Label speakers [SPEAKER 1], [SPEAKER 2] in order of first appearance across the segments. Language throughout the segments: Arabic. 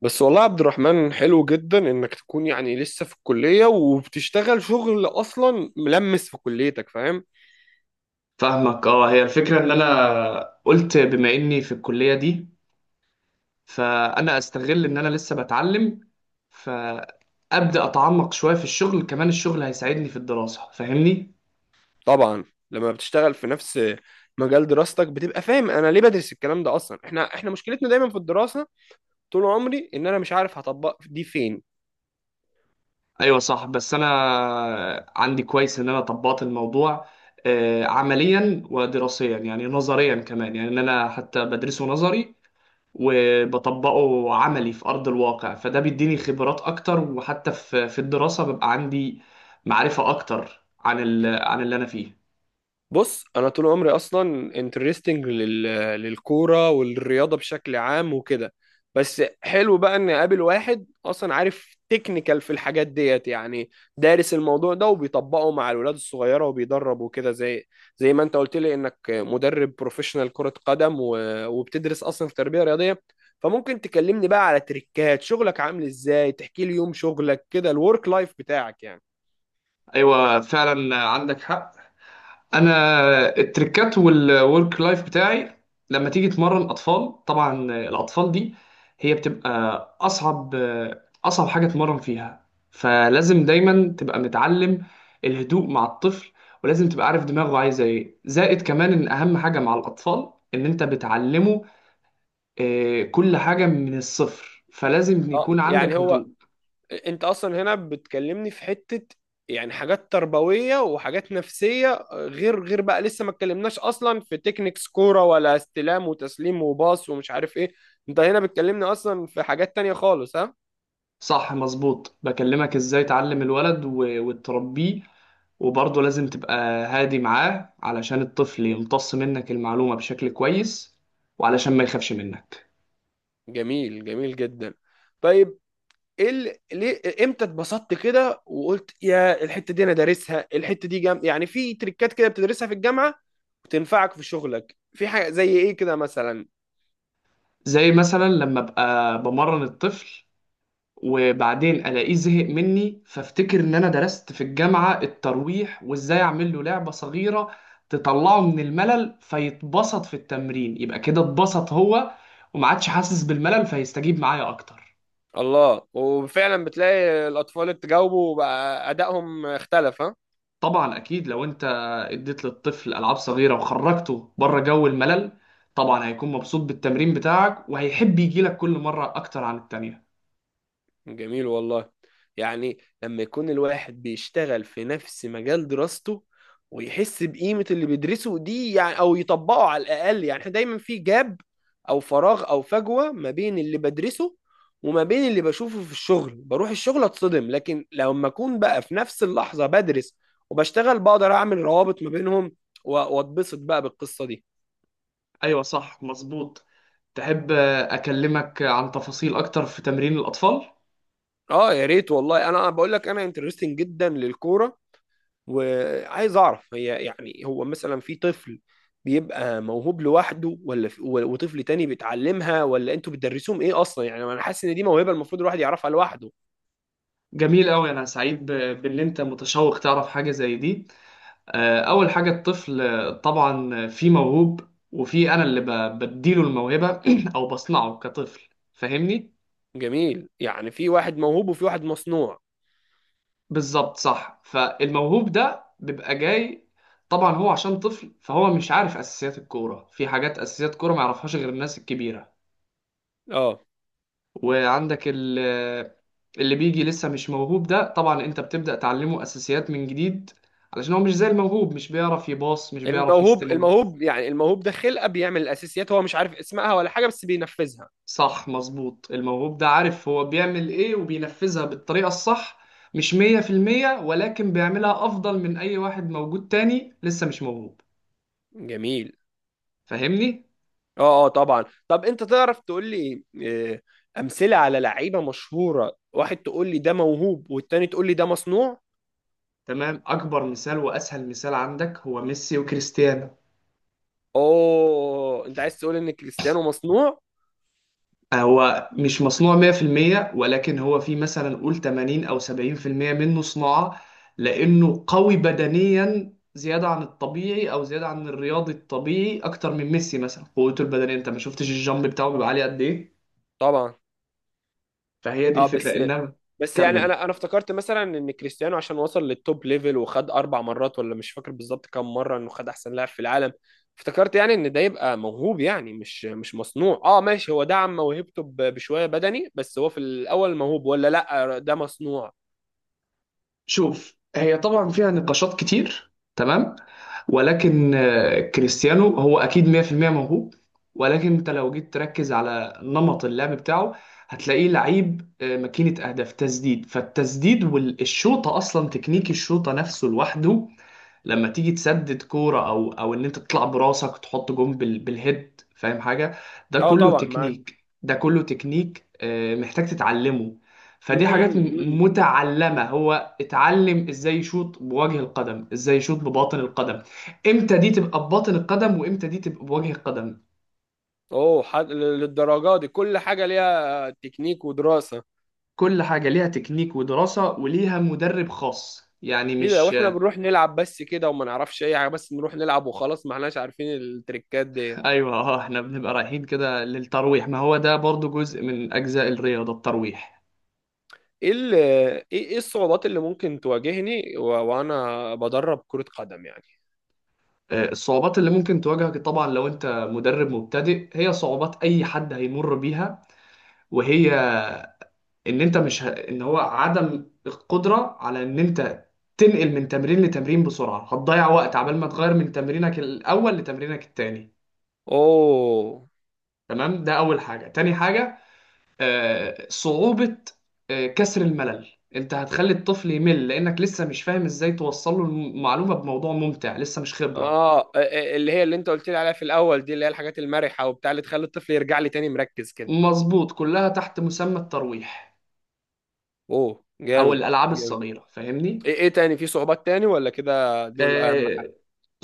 [SPEAKER 1] بس والله يا عبد الرحمن، حلو جدا انك تكون يعني لسه في الكلية وبتشتغل شغل اصلا ملمس في كليتك. فاهم؟
[SPEAKER 2] فاهمك. اه هي الفكرة ان انا قلت بما اني في الكلية دي، فانا استغل ان انا لسه بتعلم، فابدا اتعمق شوية في الشغل. كمان الشغل هيساعدني في الدراسة، فاهمني؟
[SPEAKER 1] طبعا. لما بتشتغل في نفس مجال دراستك بتبقى فاهم انا ليه بدرس الكلام ده اصلا. احنا مشكلتنا دايما في الدراسة، طول عمري ان انا مش عارف هطبق دي فين.
[SPEAKER 2] ايوه صح، بس انا عندي كويس ان انا طبقت الموضوع، عمليا ودراسيا، يعني نظريا كمان، يعني ان انا حتى بدرسه نظري وبطبقه عملي في أرض الواقع، فده بيديني خبرات أكتر، وحتى في الدراسة ببقى عندي معرفة أكتر عن عن اللي أنا فيه.
[SPEAKER 1] بص، انا طول عمري اصلا انترستنج للكوره والرياضه بشكل عام وكده. بس حلو بقى ان اقابل واحد اصلا عارف تكنيكال في الحاجات ديت، يعني دارس الموضوع ده وبيطبقه مع الولاد الصغيره وبيدرب وكده، زي ما انت قلت لي انك مدرب بروفيشنال كره قدم وبتدرس اصلا في تربيه رياضيه. فممكن تكلمني بقى على تريكات شغلك، عامل ازاي؟ تحكي لي يوم شغلك كده، الورك لايف بتاعك يعني.
[SPEAKER 2] أيوة فعلا عندك حق. انا التريكات والورك لايف بتاعي لما تيجي تمرن اطفال، طبعا الاطفال دي هي بتبقى اصعب اصعب حاجه تمرن فيها، فلازم دايما تبقى متعلم الهدوء مع الطفل، ولازم تبقى عارف دماغه عايزه ايه، زائد كمان ان اهم حاجه مع الاطفال ان انت بتعلمه كل حاجه من الصفر، فلازم
[SPEAKER 1] اه
[SPEAKER 2] يكون عندك
[SPEAKER 1] يعني هو
[SPEAKER 2] هدوء.
[SPEAKER 1] انت اصلا هنا بتكلمني في حتة يعني حاجات تربوية وحاجات نفسية، غير بقى لسه ما اتكلمناش اصلا في تكنيكس كورة ولا استلام وتسليم وباص ومش عارف ايه. انت هنا بتكلمني اصلا في حاجات تانية خالص، ها؟
[SPEAKER 2] صح مظبوط. بكلمك ازاي تعلم الولد وتربيه، وبرضه لازم تبقى هادي معاه علشان الطفل يمتص منك المعلومة بشكل كويس، وعلشان ما يخافش منك.
[SPEAKER 1] جميل، جميل جدا. طيب، ايه ليه، امتى اتبسطت كده وقلت يا الحتة دي انا دارسها، الحتة دي جام يعني في تريكات كده بتدرسها في الجامعة وتنفعك في شغلك؟ في حاجة زي ايه كده مثلا؟
[SPEAKER 2] زي مثلا لما ابقى بمرن الطفل وبعدين الاقيه زهق مني، فافتكر ان انا درست في الجامعة الترويح، وازاي اعمل له لعبة صغيرة تطلعه من الملل فيتبسط في التمرين، يبقى كده اتبسط هو وما عادش حاسس بالملل فيستجيب معايا اكتر.
[SPEAKER 1] الله، وفعلا بتلاقي الأطفال اللي تجاوبوا بقى أدائهم اختلف، ها؟
[SPEAKER 2] طبعا اكيد لو انت اديت للطفل العاب صغيره وخرجته بره جو الملل طبعا هيكون مبسوط بالتمرين بتاعك، وهيحب يجي لك كل مره اكتر عن التانية.
[SPEAKER 1] جميل والله. يعني لما يكون الواحد بيشتغل في نفس مجال دراسته ويحس بقيمة اللي بيدرسه دي يعني، أو يطبقه على الأقل. يعني احنا دايما في جاب أو فراغ أو فجوة ما بين اللي بدرسه وما بين اللي بشوفه في الشغل. بروح الشغل أتصدم، لكن لما أكون بقى في نفس اللحظة بدرس وبشتغل بقدر أعمل روابط ما بينهم، و- وأتبسط بقى بالقصة دي.
[SPEAKER 2] ايوه صح مظبوط. تحب اكلمك عن تفاصيل اكتر في تمرين الاطفال؟
[SPEAKER 1] اه يا ريت والله، انا بقول لك انا انترستنج جدا للكوره، وعايز اعرف، هي يعني هو مثلا في طفل بيبقى موهوب لوحده، ولا في وطفل تاني بيتعلمها، ولا انتوا بتدرسوهم ايه اصلا؟ يعني انا حاسس ان دي موهبه المفروض الواحد يعرفها لوحده.
[SPEAKER 2] جميل قوي، انا سعيد بان انت متشوق تعرف حاجه زي دي. اول حاجه الطفل، طبعا في موهوب وفي انا اللي بديله الموهبه او بصنعه كطفل، فاهمني؟
[SPEAKER 1] جميل، يعني في واحد موهوب وفي واحد مصنوع.
[SPEAKER 2] بالظبط صح. فالموهوب ده بيبقى جاي، طبعا هو عشان طفل فهو مش عارف اساسيات الكوره، في حاجات اساسيات كوره ما يعرفهاش غير الناس الكبيره.
[SPEAKER 1] اه،
[SPEAKER 2] وعندك اللي بيجي لسه مش موهوب ده طبعا انت بتبدا تعلمه اساسيات من جديد، علشان هو مش زي الموهوب، مش بيعرف يباص، مش بيعرف
[SPEAKER 1] الموهوب
[SPEAKER 2] يستلم.
[SPEAKER 1] الموهوب يعني الموهوب ده خلقه بيعمل الاساسيات، هو مش عارف اسمها ولا حاجه بس بينفذها.
[SPEAKER 2] صح مظبوط. الموهوب ده عارف هو بيعمل ايه وبينفذها بالطريقه الصح، مش 100%، ولكن بيعملها افضل من اي واحد موجود تاني لسه مش موهوب،
[SPEAKER 1] جميل.
[SPEAKER 2] فاهمني؟
[SPEAKER 1] اه، اه طبعا. طب انت تعرف تقول لي، امثله على لعيبه مشهوره، واحد تقول لي ده موهوب والتاني تقول لي ده مصنوع؟
[SPEAKER 2] تمام، اكبر مثال واسهل مثال عندك هو ميسي وكريستيانو.
[SPEAKER 1] اوه، انت عايز تقول ان كريستيانو مصنوع؟
[SPEAKER 2] هو مش مصنوع 100%، ولكن هو في مثلا قول 80 او 70% منه صناعة، لانه قوي بدنيا زيادة عن الطبيعي، او زيادة عن الرياضي الطبيعي اكتر من ميسي. مثلا قوته البدنية، انت ما شفتش الجامب بتاعه بيبقى عالي قد ايه؟
[SPEAKER 1] طبعا.
[SPEAKER 2] فهي دي
[SPEAKER 1] اه،
[SPEAKER 2] الفكرة
[SPEAKER 1] بس،
[SPEAKER 2] انها،
[SPEAKER 1] يعني
[SPEAKER 2] كمل.
[SPEAKER 1] انا افتكرت مثلا ان كريستيانو عشان وصل للتوب ليفل وخد 4 مرات، ولا مش فاكر بالظبط كام مره، انه خد احسن لاعب في العالم. افتكرت يعني ان ده يبقى موهوب، يعني مش مصنوع. اه ماشي، هو دعم موهبته بشويه بدني بس، هو في الاول موهوب ولا لا، ده مصنوع؟
[SPEAKER 2] شوف، هي طبعا فيها نقاشات كتير، تمام؟ ولكن كريستيانو هو اكيد 100% موهوب، ولكن انت لو جيت تركز على نمط اللعب بتاعه هتلاقيه لعيب ماكينة اهداف تسديد، فالتسديد والشوطة، اصلا تكنيك الشوطة نفسه لوحده لما تيجي تسدد كوره، او ان انت تطلع براسك وتحط جون بال بالهيد، فاهم حاجه؟ ده
[SPEAKER 1] اه
[SPEAKER 2] كله
[SPEAKER 1] طبعا، معاك.
[SPEAKER 2] تكنيك، ده كله تكنيك محتاج تتعلمه. فدي
[SPEAKER 1] امم.
[SPEAKER 2] حاجات
[SPEAKER 1] امم.
[SPEAKER 2] متعلمه. هو اتعلم ازاي يشوط بوجه القدم، ازاي يشوط بباطن القدم، امتى دي تبقى بباطن القدم وامتى دي تبقى بوجه القدم.
[SPEAKER 1] اوه للدرجه دي كل حاجه ليها تكنيك ودراسه؟
[SPEAKER 2] كل حاجه ليها تكنيك ودراسه، وليها مدرب خاص، يعني
[SPEAKER 1] ايه ده،
[SPEAKER 2] مش
[SPEAKER 1] واحنا بنروح نلعب بس كده وما نعرفش اي حاجه، بس نروح نلعب وخلاص، ما احناش عارفين التريكات دي.
[SPEAKER 2] ايوه. اه احنا بنبقى رايحين كده للترويح، ما هو ده برضو جزء من اجزاء الرياضه الترويح.
[SPEAKER 1] ايه، إيه، الصعوبات اللي ممكن تواجهني وانا بدرب كرة قدم يعني؟
[SPEAKER 2] الصعوبات اللي ممكن تواجهك طبعا لو انت مدرب مبتدئ هي صعوبات اي حد هيمر بيها، وهي ان انت مش ه... ان هو عدم القدرة على ان انت تنقل من تمرين لتمرين بسرعة. هتضيع وقت عبال ما تغير من تمرينك الاول لتمرينك التاني،
[SPEAKER 1] اوه.
[SPEAKER 2] تمام؟ ده اول حاجة. تاني حاجة صعوبة كسر الملل. انت هتخلي الطفل يمل لانك لسه مش فاهم ازاي توصل له المعلومة بموضوع ممتع، لسه مش خبرة.
[SPEAKER 1] اه، اللي هي اللي انت قلت لي عليها في الاول دي، اللي هي الحاجات المرحه وبتاع اللي تخلي الطفل يرجع لي تاني مركز كده.
[SPEAKER 2] مظبوط، كلها تحت مسمى الترويح
[SPEAKER 1] اوه
[SPEAKER 2] او
[SPEAKER 1] جامد.
[SPEAKER 2] الالعاب
[SPEAKER 1] جامد.
[SPEAKER 2] الصغيره، فاهمني؟
[SPEAKER 1] ايه تاني، في صعوبات تاني ولا كده دول اهم؟
[SPEAKER 2] آه،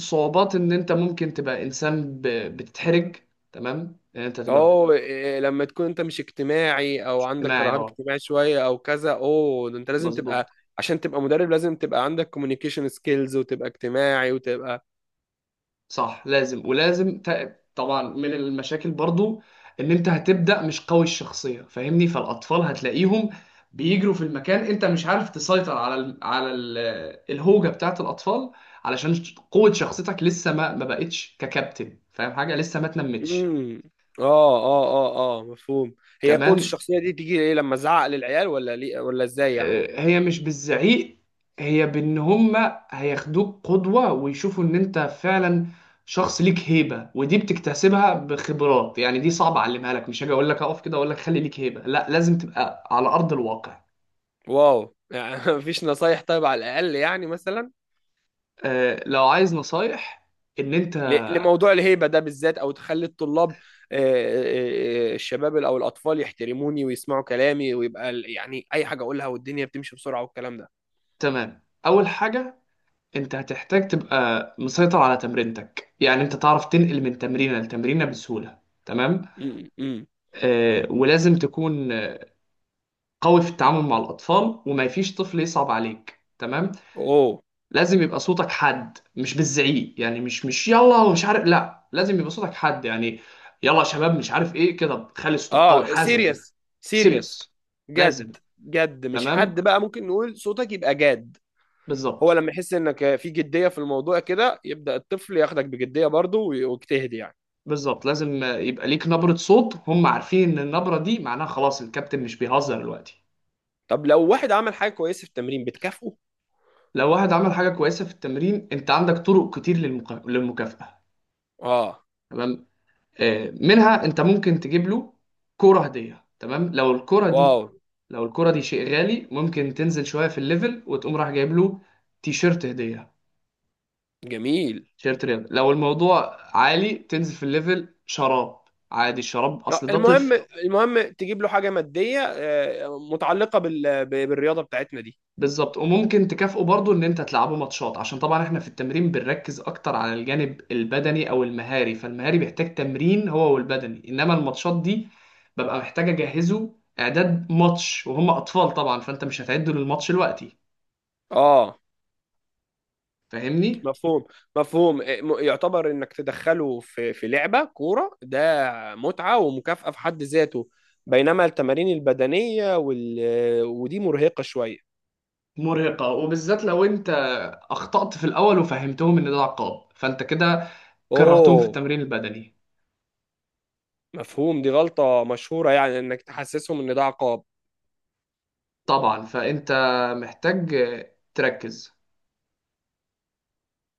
[SPEAKER 2] صعوبات ان انت ممكن تبقى انسان بتتحرج، تمام؟ ان انت تبقى
[SPEAKER 1] اه، لما تكون انت مش اجتماعي او عندك
[SPEAKER 2] اجتماعي،
[SPEAKER 1] رهاب
[SPEAKER 2] اه
[SPEAKER 1] اجتماعي شويه او كذا، اوه ده انت لازم
[SPEAKER 2] مظبوط.
[SPEAKER 1] تبقى. عشان تبقى مدرب لازم تبقى عندك كوميونيكيشن سكيلز وتبقى اجتماعي وتبقى.
[SPEAKER 2] صح لازم، ولازم طبعا من المشاكل برضو ان انت هتبدا مش قوي الشخصيه، فاهمني؟ فالاطفال هتلاقيهم بيجروا في المكان، انت مش عارف تسيطر على ال الهوجه بتاعت الاطفال، علشان قوه شخصيتك لسه ما بقتش ككابتن، فاهم حاجه؟ لسه ما اتنمتش.
[SPEAKER 1] امم. اه. اه. اه. اه، مفهوم. هي قوة
[SPEAKER 2] كمان
[SPEAKER 1] الشخصية دي تيجي ايه، لما ازعق للعيال ولا ليه ولا ازاي يعني؟
[SPEAKER 2] هي مش بالزعيق، هي بان هما هياخدوك قدوة، ويشوفوا ان انت فعلا شخص ليك هيبة. ودي بتكتسبها بخبرات، يعني دي صعب اعلمها لك، مش هاجي اقول لك اقف كده، اقول لك خلي ليك هيبة، لا، لازم تبقى على ارض الواقع.
[SPEAKER 1] واو، يعني مفيش نصايح طيب؟ على الاقل يعني مثلا،
[SPEAKER 2] لو عايز نصايح ان انت،
[SPEAKER 1] لموضوع الهيبة ده بالذات، أو تخلي الطلاب، الشباب أو الأطفال يحترموني ويسمعوا كلامي، ويبقى يعني أي حاجة أقولها والدنيا بتمشي بسرعة والكلام ده.
[SPEAKER 2] تمام اول حاجة انت هتحتاج تبقى مسيطر على تمرينتك، يعني انت تعرف تنقل من تمرينة لتمرينة بسهولة، تمام؟
[SPEAKER 1] م- م.
[SPEAKER 2] ولازم تكون قوي في التعامل مع الأطفال، وما فيش طفل يصعب عليك، تمام؟
[SPEAKER 1] أوه.
[SPEAKER 2] لازم يبقى صوتك حد، مش بالزعيق، يعني مش يلا ومش عارف، لا، لازم يبقى صوتك حد، يعني يلا يا شباب، مش عارف ايه كده، خلي صوتك قوي
[SPEAKER 1] أه
[SPEAKER 2] حازم كده،
[SPEAKER 1] سيريس. سيريس.
[SPEAKER 2] سيريس. لازم،
[SPEAKER 1] جد جد، مش حد
[SPEAKER 2] تمام،
[SPEAKER 1] بقى، ممكن نقول صوتك يبقى جاد. هو
[SPEAKER 2] بالظبط.
[SPEAKER 1] لما يحس إنك في جدية في الموضوع كده يبدأ الطفل ياخدك بجدية برضه، ويجتهد يعني.
[SPEAKER 2] بالظبط، لازم يبقى ليك نبرة صوت، هم عارفين ان النبرة دي معناها خلاص الكابتن مش بيهزر دلوقتي.
[SPEAKER 1] طب لو واحد عمل حاجة كويسة في التمرين بتكافئه؟
[SPEAKER 2] لو واحد عمل حاجة كويسة في التمرين انت عندك طرق كتير للمكافأة،
[SPEAKER 1] أه.
[SPEAKER 2] تمام؟ منها انت ممكن تجيب له كوره هديه، تمام.
[SPEAKER 1] واو.
[SPEAKER 2] لو الكوره دي شيء غالي ممكن تنزل شويه في الليفل وتقوم راح جايب له تيشيرت هديه،
[SPEAKER 1] جميل.
[SPEAKER 2] تيشيرت رياضه. لو الموضوع عالي تنزل في الليفل شراب، عادي الشراب
[SPEAKER 1] آه،
[SPEAKER 2] اصل ده
[SPEAKER 1] المهم
[SPEAKER 2] طفل.
[SPEAKER 1] المهم تجيب له حاجه ماديه، متعلقه بالرياضه بتاعتنا دي.
[SPEAKER 2] بالظبط، وممكن تكافئه برضو ان انت تلعبه ماتشات، عشان طبعا احنا في التمرين بنركز اكتر على الجانب البدني او المهاري، فالمهاري بيحتاج تمرين هو والبدني، انما الماتشات دي ببقى محتاج اجهزه اعداد ماتش، وهم اطفال طبعا فانت مش هتعده للماتش دلوقتي،
[SPEAKER 1] اه
[SPEAKER 2] فاهمني؟
[SPEAKER 1] مفهوم. مفهوم، يعتبر انك تدخله في لعبه كوره، ده متعه ومكافاه في حد ذاته. بينما التمارين البدنيه ودي مرهقه شويه.
[SPEAKER 2] مرهقة، وبالذات لو انت اخطأت في الاول وفهمتهم ان ده عقاب، فانت كده كرهتهم في
[SPEAKER 1] اوه
[SPEAKER 2] التمرين البدني.
[SPEAKER 1] مفهوم. دي غلطه مشهوره، يعني انك تحسسهم ان ده عقاب.
[SPEAKER 2] طبعا فانت محتاج تركز.